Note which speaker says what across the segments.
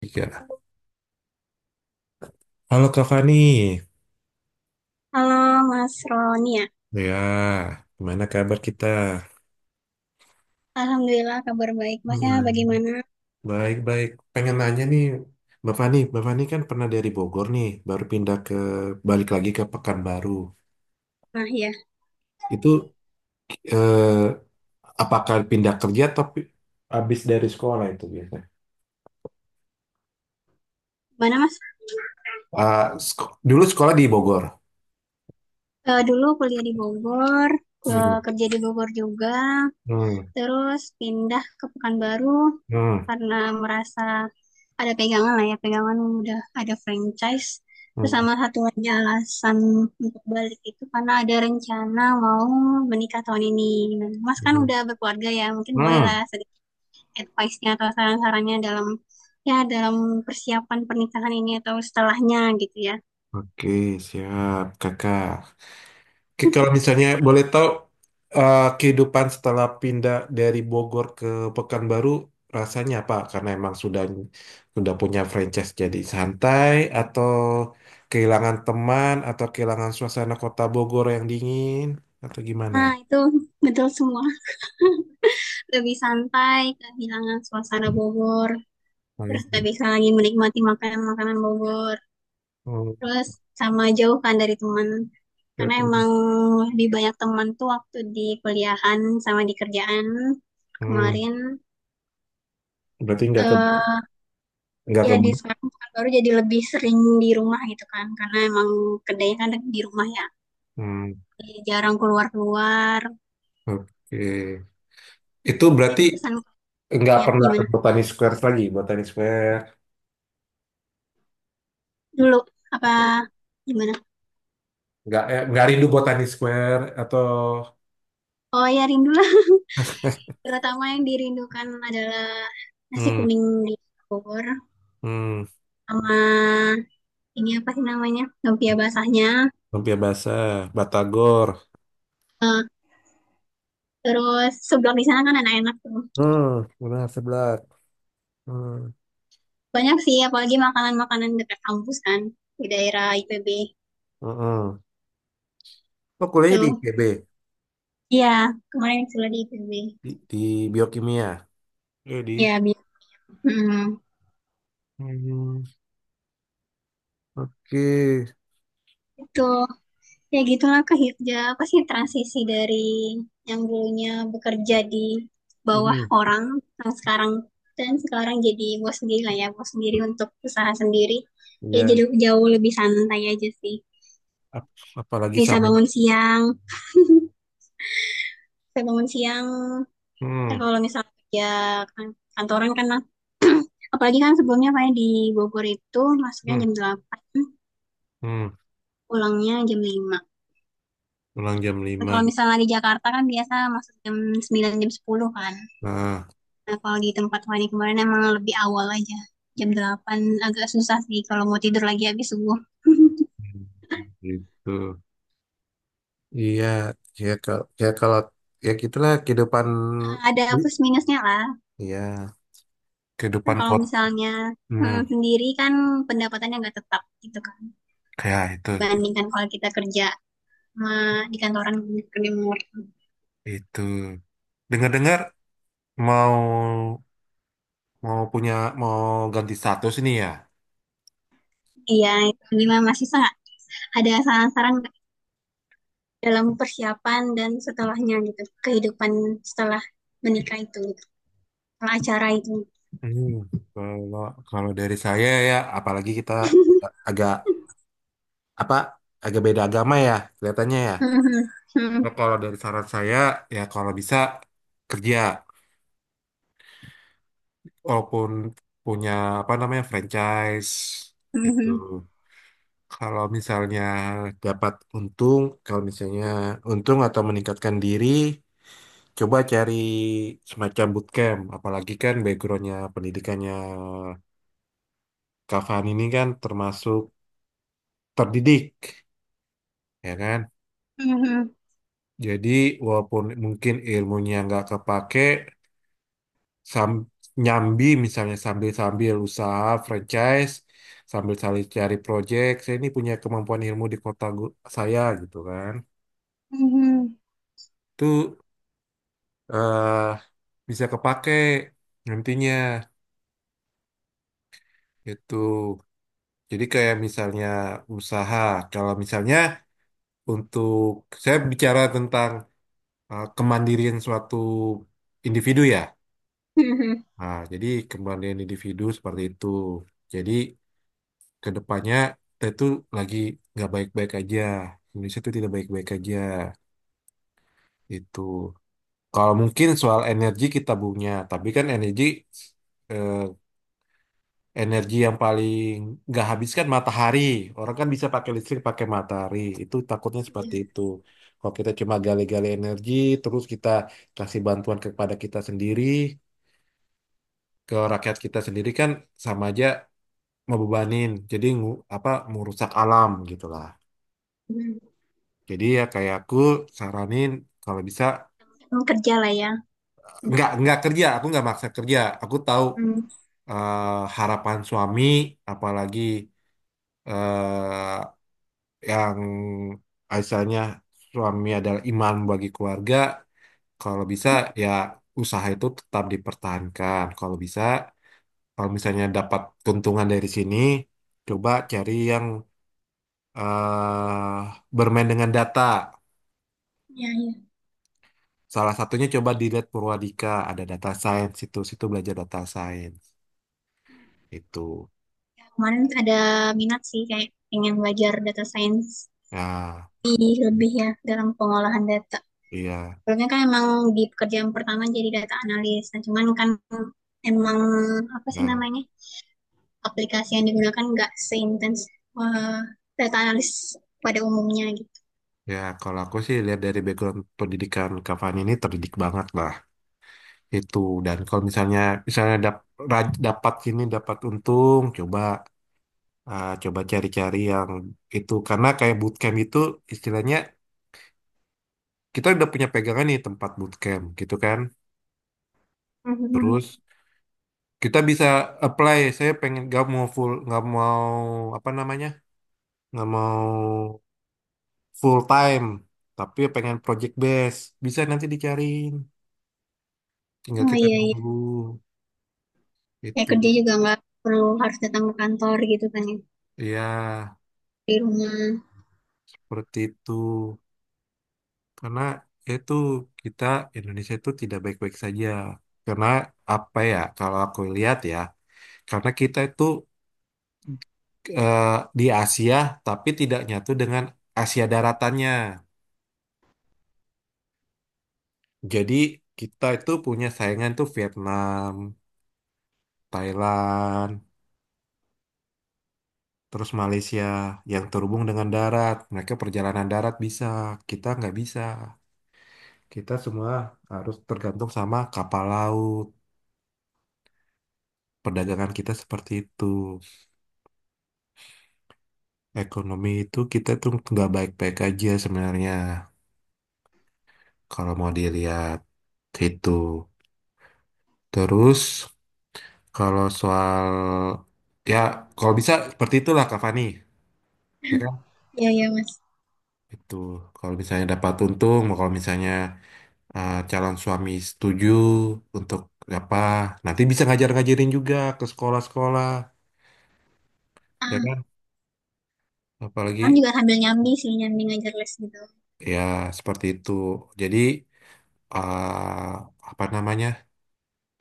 Speaker 1: Tiga. Halo kak Fani,
Speaker 2: Halo Mas Ronia,
Speaker 1: ya gimana kabar kita?
Speaker 2: alhamdulillah kabar baik. Masnya
Speaker 1: Hmm.
Speaker 2: bagaimana?
Speaker 1: Baik-baik, pengen nanya nih, Mbak Fani kan pernah dari Bogor nih, baru pindah ke, balik lagi ke Pekanbaru.
Speaker 2: Nah ya,
Speaker 1: Itu eh, apakah pindah kerja tapi habis dari sekolah itu biasanya?
Speaker 2: mana Mas?
Speaker 1: Ah, Dulu sekolah di Bogor.
Speaker 2: Dulu kuliah di Bogor,
Speaker 1: Hmm.
Speaker 2: kerja di Bogor juga,
Speaker 1: Hmm.
Speaker 2: terus pindah ke Pekanbaru
Speaker 1: Hmm.
Speaker 2: karena merasa ada pegangan lah ya, pegangan udah ada franchise. Terus
Speaker 1: Hmm.
Speaker 2: sama satu lagi alasan untuk balik itu karena ada rencana mau menikah tahun ini. Nah, Mas kan
Speaker 1: Hmm.
Speaker 2: udah berkeluarga ya, mungkin boleh lah
Speaker 1: Hmm.
Speaker 2: advice-nya atau saran-sarannya dalam dalam persiapan pernikahan ini atau setelahnya gitu ya.
Speaker 1: Oke, siap kakak. Oke, kalau misalnya boleh tahu kehidupan setelah pindah dari Bogor ke Pekanbaru rasanya apa? Karena emang sudah punya franchise jadi santai atau kehilangan teman atau kehilangan suasana kota Bogor yang dingin atau gimana?
Speaker 2: Nah, itu betul semua. Lebih santai, kehilangan suasana Bogor, terus
Speaker 1: Hmm.
Speaker 2: gak bisa lagi menikmati makanan-makanan Bogor,
Speaker 1: Hmm.
Speaker 2: terus sama jauhkan dari teman. Karena emang lebih banyak teman tuh waktu di kuliahan sama di kerjaan
Speaker 1: Hmm.
Speaker 2: kemarin.
Speaker 1: Berarti nggak ke
Speaker 2: eh
Speaker 1: nggak ke
Speaker 2: Ya di sekarang baru jadi lebih sering di rumah gitu kan, karena emang kedai kan di rumah ya.
Speaker 1: hmm.
Speaker 2: Jarang keluar-keluar.
Speaker 1: Oke. Itu
Speaker 2: Jadi
Speaker 1: berarti
Speaker 2: terkesan
Speaker 1: nggak
Speaker 2: ya
Speaker 1: pernah ke
Speaker 2: gimana?
Speaker 1: Botani Square lagi, Botani Square,
Speaker 2: Dulu apa gimana?
Speaker 1: nggak rindu Botani Square atau
Speaker 2: Oh ya rindulah. Terutama yang dirindukan adalah nasi
Speaker 1: hmm,
Speaker 2: kuning di Bogor
Speaker 1: hmm.
Speaker 2: sama ini apa sih namanya? Lumpia basahnya.
Speaker 1: Lumpia basah, batagor.
Speaker 2: Eh, Terus seblak di sana kan enak-enak tuh.
Speaker 1: Hmm, benar seblak. Hmm,
Speaker 2: Banyak sih apalagi makanan-makanan dekat kampus kan di daerah IPB.
Speaker 1: mm-mm. Oh, kuliahnya di
Speaker 2: Tuh.
Speaker 1: IPB,
Speaker 2: Iya, kemarin sudah di IPB.
Speaker 1: di biokimia. Iya, di.
Speaker 2: ya bi- Mm,
Speaker 1: Hmm, oke.
Speaker 2: itu. Ya gitulah kerja apa sih transisi dari yang dulunya bekerja di bawah
Speaker 1: Hmm,
Speaker 2: orang yang sekarang dan sekarang jadi bos sendiri lah ya bos sendiri untuk usaha sendiri, ya jadi
Speaker 1: ya.
Speaker 2: jauh lebih santai aja sih,
Speaker 1: Apalagi
Speaker 2: bisa
Speaker 1: sama.
Speaker 2: bangun siang, bisa bangun siang.
Speaker 1: Hmm,
Speaker 2: Kalau misalnya kerja kantoran kan, nah, apalagi kan sebelumnya kayak di Bogor itu masuknya
Speaker 1: hmm,
Speaker 2: jam 8,
Speaker 1: hmm.
Speaker 2: pulangnya jam 5.
Speaker 1: Pulang jam
Speaker 2: Nah,
Speaker 1: 5,
Speaker 2: kalau misalnya di Jakarta kan biasa masuk jam 9, jam 10 kan.
Speaker 1: nah,
Speaker 2: Nah, kalau di tempat Fani kemarin emang lebih awal aja. Jam 8 agak susah sih kalau mau tidur lagi habis subuh.
Speaker 1: gitu. Iya, ya kalau ya gitulah kehidupan.
Speaker 2: Ada plus minusnya lah.
Speaker 1: Iya,
Speaker 2: Kan
Speaker 1: kehidupan
Speaker 2: kalau
Speaker 1: kot.
Speaker 2: misalnya
Speaker 1: Hmm,
Speaker 2: sendiri kan pendapatannya nggak tetap gitu kan.
Speaker 1: kayak itu.
Speaker 2: Dibandingkan kalau kita kerja sama di kantoran, kerja remote.
Speaker 1: Itu. Dengar-dengar mau mau punya mau ganti status ini ya.
Speaker 2: Iya, itu gimana masih ada saran-saran dalam persiapan dan setelahnya gitu. Kehidupan setelah menikah itu, gitu. Setelah acara itu.
Speaker 1: Hmm, kalau kalau dari saya ya, apalagi kita agak agak- apa agak beda agama ya kelihatannya ya. Nah, kalau dari saran saya ya kalau bisa kerja walaupun punya apa namanya franchise itu. Kalau misalnya dapat untung, kalau misalnya untung atau meningkatkan diri, coba cari semacam bootcamp, apalagi kan backgroundnya pendidikannya Kak Fani ini kan termasuk terdidik, ya kan? Jadi walaupun mungkin ilmunya nggak kepake, sam nyambi misalnya sambil-sambil usaha franchise, sambil cari cari project, saya ini punya kemampuan ilmu di kota saya gitu kan. Itu eh bisa kepake nantinya gitu. Jadi kayak misalnya usaha, kalau misalnya untuk saya bicara tentang kemandirian suatu individu ya.
Speaker 2: Mhm.
Speaker 1: Nah, jadi kemandirian individu seperti itu. Jadi ke depannya kita itu lagi nggak baik-baik aja. Indonesia itu tidak baik-baik aja. Itu. Kalau mungkin soal energi kita punya, tapi kan eh, energi yang paling nggak habis kan matahari. Orang kan bisa pakai listrik pakai matahari. Itu takutnya
Speaker 2: Iya.
Speaker 1: seperti itu. Kalau kita cuma gali-gali energi, terus kita kasih bantuan kepada kita sendiri, ke rakyat kita sendiri kan sama aja ngebebanin. Jadi apa merusak alam gitulah.
Speaker 2: Hmm.
Speaker 1: Jadi ya kayak aku saranin kalau bisa
Speaker 2: Emang kerja lah ya.
Speaker 1: nggak kerja. Aku nggak maksa kerja. Aku tahu
Speaker 2: Hmm.
Speaker 1: harapan suami, apalagi eh, yang asalnya suami adalah imam bagi keluarga, kalau bisa ya usaha itu tetap dipertahankan. Kalau bisa, kalau misalnya dapat keuntungan dari sini, coba cari yang eh bermain dengan data.
Speaker 2: Ya, ya.
Speaker 1: Salah satunya coba dilihat Purwadika, ada data science situ belajar data science itu.
Speaker 2: Kemarin ada minat sih kayak pengen belajar data science
Speaker 1: Nah,
Speaker 2: lebih ya dalam pengolahan data.
Speaker 1: iya.
Speaker 2: Soalnya kan emang di pekerjaan pertama jadi data analis. Nah, cuman kan emang apa sih
Speaker 1: Nah,
Speaker 2: namanya? Aplikasi yang digunakan nggak seintens eh, data analis pada umumnya gitu.
Speaker 1: ya kalau aku sih lihat dari background pendidikan Kak Fani ini terdidik banget lah. Itu dan kalau misalnya misalnya dap- ra- dapat gini dapat untung, coba cari-cari yang itu karena kayak bootcamp itu istilahnya kita udah punya pegangan nih tempat bootcamp gitu kan,
Speaker 2: Mhm.
Speaker 1: terus kita bisa apply, saya pengen nggak mau full nggak mau apa namanya nggak mau full time tapi pengen project base, bisa nanti dicariin tinggal
Speaker 2: Oh
Speaker 1: kita
Speaker 2: iya iya.
Speaker 1: nunggu
Speaker 2: Kayak
Speaker 1: itu,
Speaker 2: kerja juga nggak perlu harus datang ke kantor gitu kan ya.
Speaker 1: ya
Speaker 2: Di rumah.
Speaker 1: seperti itu. Karena itu kita Indonesia itu tidak baik-baik saja. Karena apa ya, kalau aku lihat ya, karena kita itu eh, di Asia tapi tidak nyatu dengan Asia daratannya. Jadi kita itu punya saingan tuh Vietnam, Thailand, terus Malaysia yang terhubung dengan darat. Mereka perjalanan darat bisa, kita nggak bisa. Kita semua harus tergantung sama kapal laut. Perdagangan kita seperti itu. Ekonomi itu kita tuh nggak baik-baik aja sebenarnya kalau mau dilihat gitu. Terus kalau soal ya kalau bisa seperti itulah Kak Fani, ya kan?
Speaker 2: Iya iya Mas.
Speaker 1: Itu kalau misalnya dapat untung, kalau misalnya calon suami setuju untuk apa, nanti bisa ngajar-ngajarin juga ke sekolah-sekolah, ya kan?
Speaker 2: Ah, sekarang
Speaker 1: Apalagi
Speaker 2: juga sambil nyambi sih, nyambi ngajar les gitu.
Speaker 1: ya seperti itu. Jadi eh, apa namanya?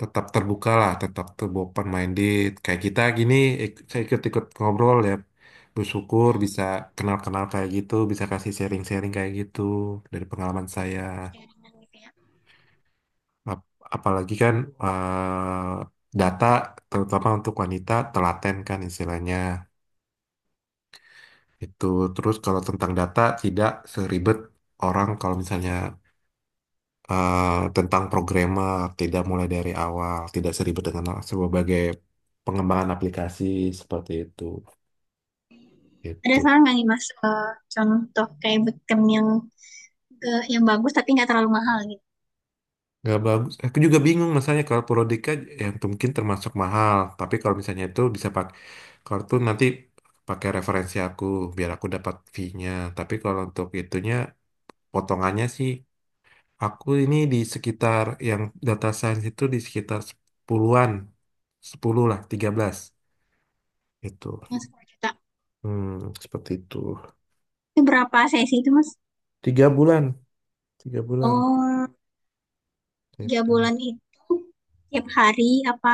Speaker 1: Tetap terbuka lah, tetap terbuka minded. Kayak kita gini, saya ikut-ikut ngobrol ya. Bersyukur
Speaker 2: Ya,
Speaker 1: bisa kenal-kenal kayak gitu, bisa kasih sharing-sharing kayak gitu dari pengalaman saya.
Speaker 2: perjalanan gitu ya.
Speaker 1: Ap- Apalagi kan data, terutama untuk wanita, telaten kan istilahnya. Itu terus kalau tentang data tidak seribet orang kalau misalnya eh, tentang programmer, tidak mulai dari awal, tidak seribet dengan sebagai pengembangan aplikasi seperti itu.
Speaker 2: Ada
Speaker 1: Itu
Speaker 2: saran nggak nih Mas, contoh kayak bootcamp yang yang bagus tapi nggak terlalu mahal gitu.
Speaker 1: nggak bagus. Aku juga bingung masalahnya kalau Prodika yang mungkin termasuk mahal, tapi kalau misalnya itu bisa pakai, kalau itu nanti pakai referensi aku biar aku dapat fee-nya. Tapi kalau untuk itunya potongannya sih aku ini di sekitar yang data science itu di sekitar 10-an, 10 lah, 13. Itu.
Speaker 2: Yang 10 juta.
Speaker 1: Hmm, seperti itu.
Speaker 2: Itu berapa sesi itu Mas?
Speaker 1: 3 bulan, 3 bulan.
Speaker 2: Oh,
Speaker 1: Gitu.
Speaker 2: tiga bulan itu tiap hari apa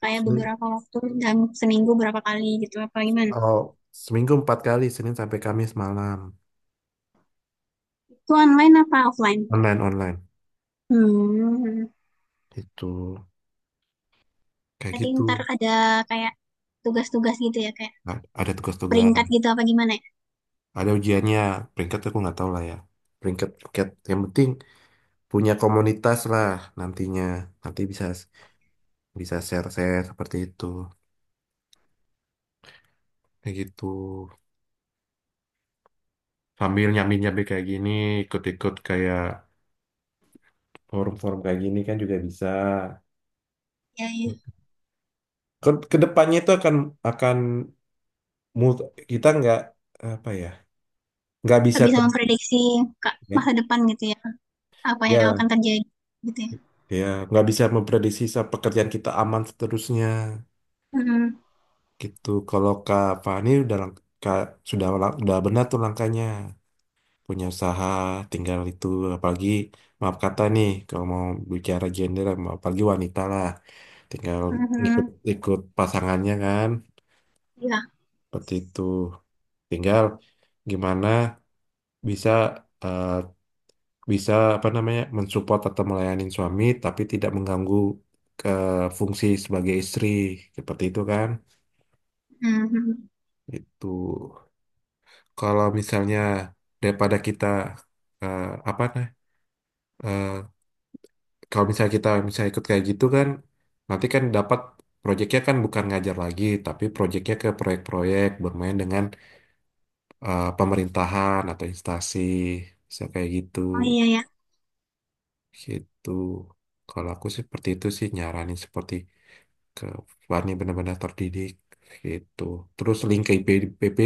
Speaker 2: kayak
Speaker 1: Senin,
Speaker 2: beberapa waktu dan seminggu berapa kali gitu apa gimana?
Speaker 1: oh, seminggu 4 kali, Senin sampai Kamis malam.
Speaker 2: Itu online apa offline?
Speaker 1: Online, online.
Speaker 2: Hmm.
Speaker 1: Itu kayak
Speaker 2: Berarti
Speaker 1: gitu.
Speaker 2: ntar ada kayak tugas-tugas gitu ya, kayak
Speaker 1: Nah, ada tugas-tugas,
Speaker 2: peringkat gitu apa gimana ya?
Speaker 1: ada ujiannya. Peringkat aku nggak tahu lah ya. Peringkat, peringkat. Yang penting punya komunitas lah nantinya. Nanti bisa bisa share-share seperti itu. Kayak gitu. Sambil nyambi-nyambi kayak gini, ikut-ikut kayak forum-forum kayak gini kan juga bisa.
Speaker 2: Ya, ya.
Speaker 1: Kedepannya itu akan akan mul- kita nggak apa ya nggak bisa
Speaker 2: Nggak bisa
Speaker 1: ter,
Speaker 2: memprediksi
Speaker 1: ya
Speaker 2: masa depan gitu ya, apa yang akan
Speaker 1: ya
Speaker 2: terjadi gitu ya.
Speaker 1: ya, nggak bisa memprediksi pekerjaan kita aman seterusnya
Speaker 2: Mhm,
Speaker 1: gitu, kalau Kak Fani udah lang- Kak sudah lang- udah benar tuh langkahnya punya usaha tinggal itu, apalagi maaf kata nih kalau mau bicara gender apalagi wanita lah tinggal ikut
Speaker 2: mhm,
Speaker 1: ikut pasangannya kan,
Speaker 2: ya
Speaker 1: seperti itu tinggal gimana bisa eh, bisa apa namanya mensupport atau melayani suami tapi tidak mengganggu ke fungsi sebagai istri seperti itu kan.
Speaker 2: mhm.
Speaker 1: Itu kalau misalnya daripada kita eh, apa nah eh, kalau misalnya kita misalnya ikut kayak gitu kan, nanti kan dapat proyeknya kan bukan ngajar lagi tapi proyeknya ke proyek-proyek bermain dengan pemerintahan atau instansi, bisa kayak gitu
Speaker 2: Oh iya ya.
Speaker 1: gitu. Kalau aku sih seperti itu sih nyaranin seperti ke Fani benar-benar terdidik gitu. Terus link ke IPB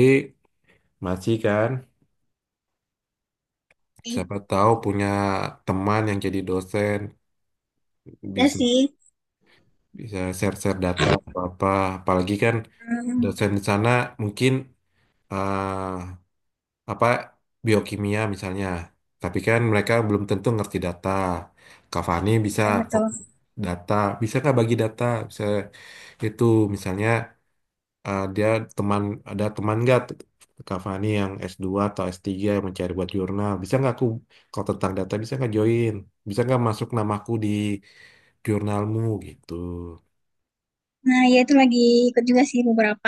Speaker 1: masih kan?
Speaker 2: Oke.
Speaker 1: Siapa tahu punya teman yang jadi dosen
Speaker 2: Ya
Speaker 1: bisa
Speaker 2: sih.
Speaker 1: bisa share-share data atau apa. Apalagi kan
Speaker 2: Mhm,
Speaker 1: dosen di sana mungkin eh, apa biokimia misalnya. Tapi kan mereka belum tentu ngerti data. Cavani bisa
Speaker 2: iya betul.
Speaker 1: fokus data, bisa nggak bagi data? Bisa itu misalnya dia teman ada teman nggak Cavani yang S2 atau S3 yang mencari buat jurnal, bisa nggak aku kalau tentang data bisa nggak join? Bisa nggak masuk namaku di jurnalmu gitu?
Speaker 2: Nah ya itu lagi ikut juga sih beberapa,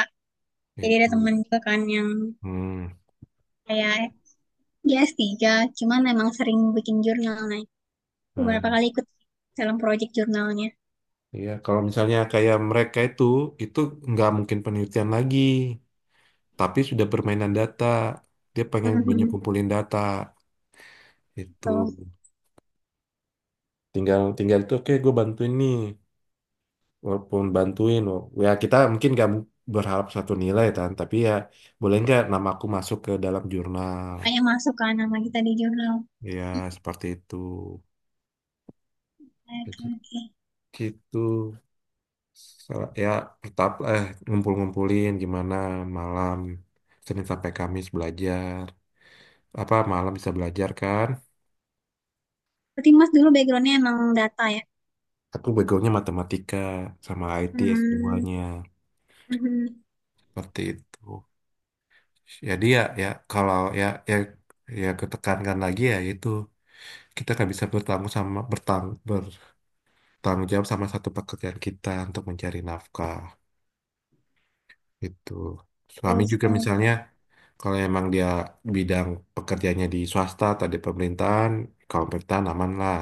Speaker 2: jadi ada
Speaker 1: Itu.
Speaker 2: teman juga kan yang
Speaker 1: Hmm.
Speaker 2: kayak dia S3 cuman emang sering bikin jurnal, nah beberapa
Speaker 1: Nah,
Speaker 2: kali ikut dalam proyek jurnalnya.
Speaker 1: iya kalau misalnya kayak mereka itu nggak mungkin penelitian lagi, tapi sudah permainan data dia pengen banyak
Speaker 2: Mhm,
Speaker 1: kumpulin data itu
Speaker 2: betul.
Speaker 1: tinggal tinggal itu oke gue bantuin nih, walaupun bantuin ya kita mungkin gak berharap 1 nilai kan tapi ya boleh nggak nama aku masuk ke dalam jurnal
Speaker 2: Kayak masuk kan nama kita di jurnal.
Speaker 1: ya seperti itu
Speaker 2: Oke
Speaker 1: gitu.
Speaker 2: oke.
Speaker 1: Gitu. Ya tetap ngumpul-ngumpulin gimana, malam Senin sampai Kamis belajar apa malam bisa belajar kan,
Speaker 2: Berarti Mas dulu backgroundnya emang data ya.
Speaker 1: aku begonya matematika sama ITS
Speaker 2: Hmm,
Speaker 1: duanya
Speaker 2: mhm.
Speaker 1: seperti itu. Jadi ya dia ya kalau ya ketekankan lagi ya itu, kita kan bisa bertanggung jawab sama satu pekerjaan kita untuk mencari nafkah itu,
Speaker 2: Betul
Speaker 1: suami juga
Speaker 2: sekali.
Speaker 1: misalnya kalau emang dia bidang pekerjaannya di swasta atau di pemerintahan, kalau pemerintahan aman lah,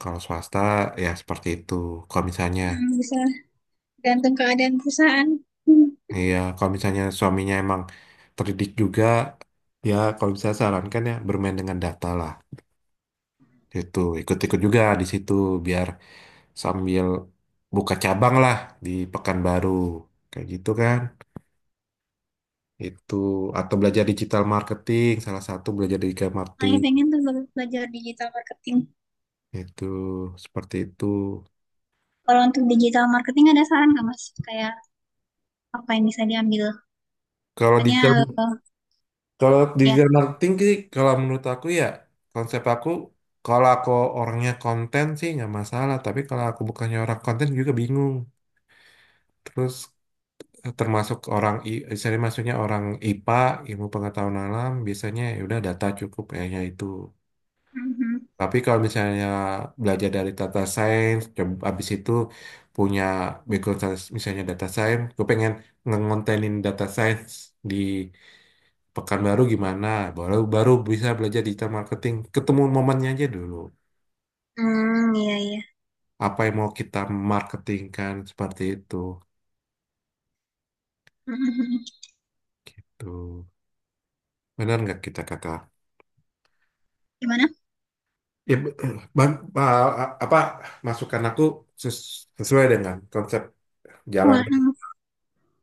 Speaker 1: kalau swasta ya seperti itu kalau misalnya.
Speaker 2: Hmm, bisa gantung keadaan perusahaan. Hmm.
Speaker 1: Iya kalau misalnya suaminya emang terdidik juga ya kalau bisa sarankan ya bermain dengan data lah, itu ikut-ikut juga di situ biar sambil buka cabang lah di Pekanbaru kayak gitu kan, itu atau belajar digital marketing, salah satu belajar digital
Speaker 2: Saya
Speaker 1: marketing
Speaker 2: pengen tuh belajar digital marketing.
Speaker 1: itu, seperti itu.
Speaker 2: Kalau untuk digital marketing ada saran nggak Mas? Kayak apa yang bisa diambil?
Speaker 1: kalau
Speaker 2: Soalnya
Speaker 1: digital
Speaker 2: eh,
Speaker 1: Kalau
Speaker 2: ya.
Speaker 1: digital marketing sih kalau menurut aku ya, konsep aku, kalau aku orangnya konten sih nggak masalah tapi kalau aku bukannya orang konten juga bingung. Terus termasuk orang saya maksudnya orang IPA, ilmu pengetahuan alam biasanya ya udah data cukup kayaknya itu.
Speaker 2: Mhm.
Speaker 1: Tapi kalau misalnya belajar dari data science coba habis itu punya background science, misalnya data science gue pengen ngontenin data science di Pekanbaru gimana, baru baru bisa belajar digital marketing, ketemu momennya aja dulu
Speaker 2: Hmm, iya iya.
Speaker 1: apa yang mau kita marketingkan, seperti itu
Speaker 2: Mhm.
Speaker 1: gitu. Benar nggak kita kata?
Speaker 2: Gimana?
Speaker 1: Ya, bang, ba- apa masukan aku ses- sesuai dengan konsep jalan
Speaker 2: Wah, hmm,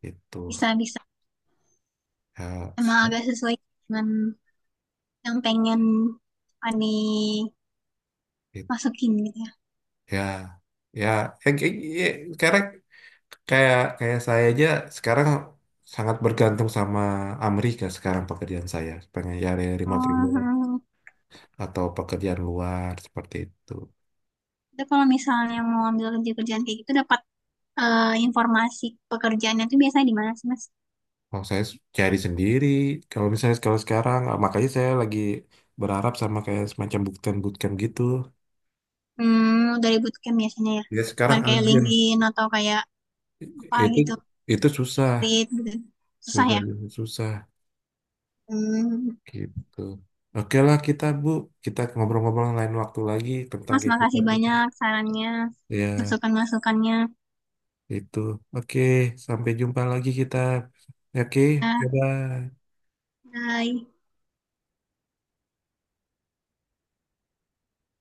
Speaker 1: itu,
Speaker 2: bisa bisa.
Speaker 1: ya
Speaker 2: Emang agak
Speaker 1: se-
Speaker 2: sesuai dengan yang pengen Ani
Speaker 1: it-
Speaker 2: masukin gitu ya.
Speaker 1: ya ya ya, ya, sekarang kayak kayak saya aja sekarang sangat bergantung sama Amerika sekarang, pekerjaan saya pengen cari remote remote
Speaker 2: Mhm.
Speaker 1: atau pekerjaan luar seperti itu.
Speaker 2: Itu kalau misalnya mau ambil kerja-kerjaan kayak gitu dapat informasi pekerjaannya tuh biasanya di mana sih Mas?
Speaker 1: Kalau saya cari sendiri kalau misalnya, kalau sekarang makanya saya lagi berharap sama kayak semacam bootcamp bootcamp gitu,
Speaker 2: Hmm, dari bootcamp biasanya ya.
Speaker 1: ya sekarang
Speaker 2: Bukan kayak
Speaker 1: agen.
Speaker 2: LinkedIn atau kayak apa
Speaker 1: Itu
Speaker 2: gitu,
Speaker 1: itu susah,
Speaker 2: Read gitu. Susah
Speaker 1: susah
Speaker 2: ya.
Speaker 1: susah
Speaker 2: Hmm.
Speaker 1: gitu. Oke lah kita Bu, kita ngobrol-ngobrol lain waktu lagi tentang
Speaker 2: Mas, makasih
Speaker 1: kehidupan kita.
Speaker 2: banyak sarannya,
Speaker 1: Ya,
Speaker 2: masukan-masukannya.
Speaker 1: itu. Oke, sampai jumpa lagi kita. Oke,
Speaker 2: Ya,
Speaker 1: bye-bye.
Speaker 2: bye.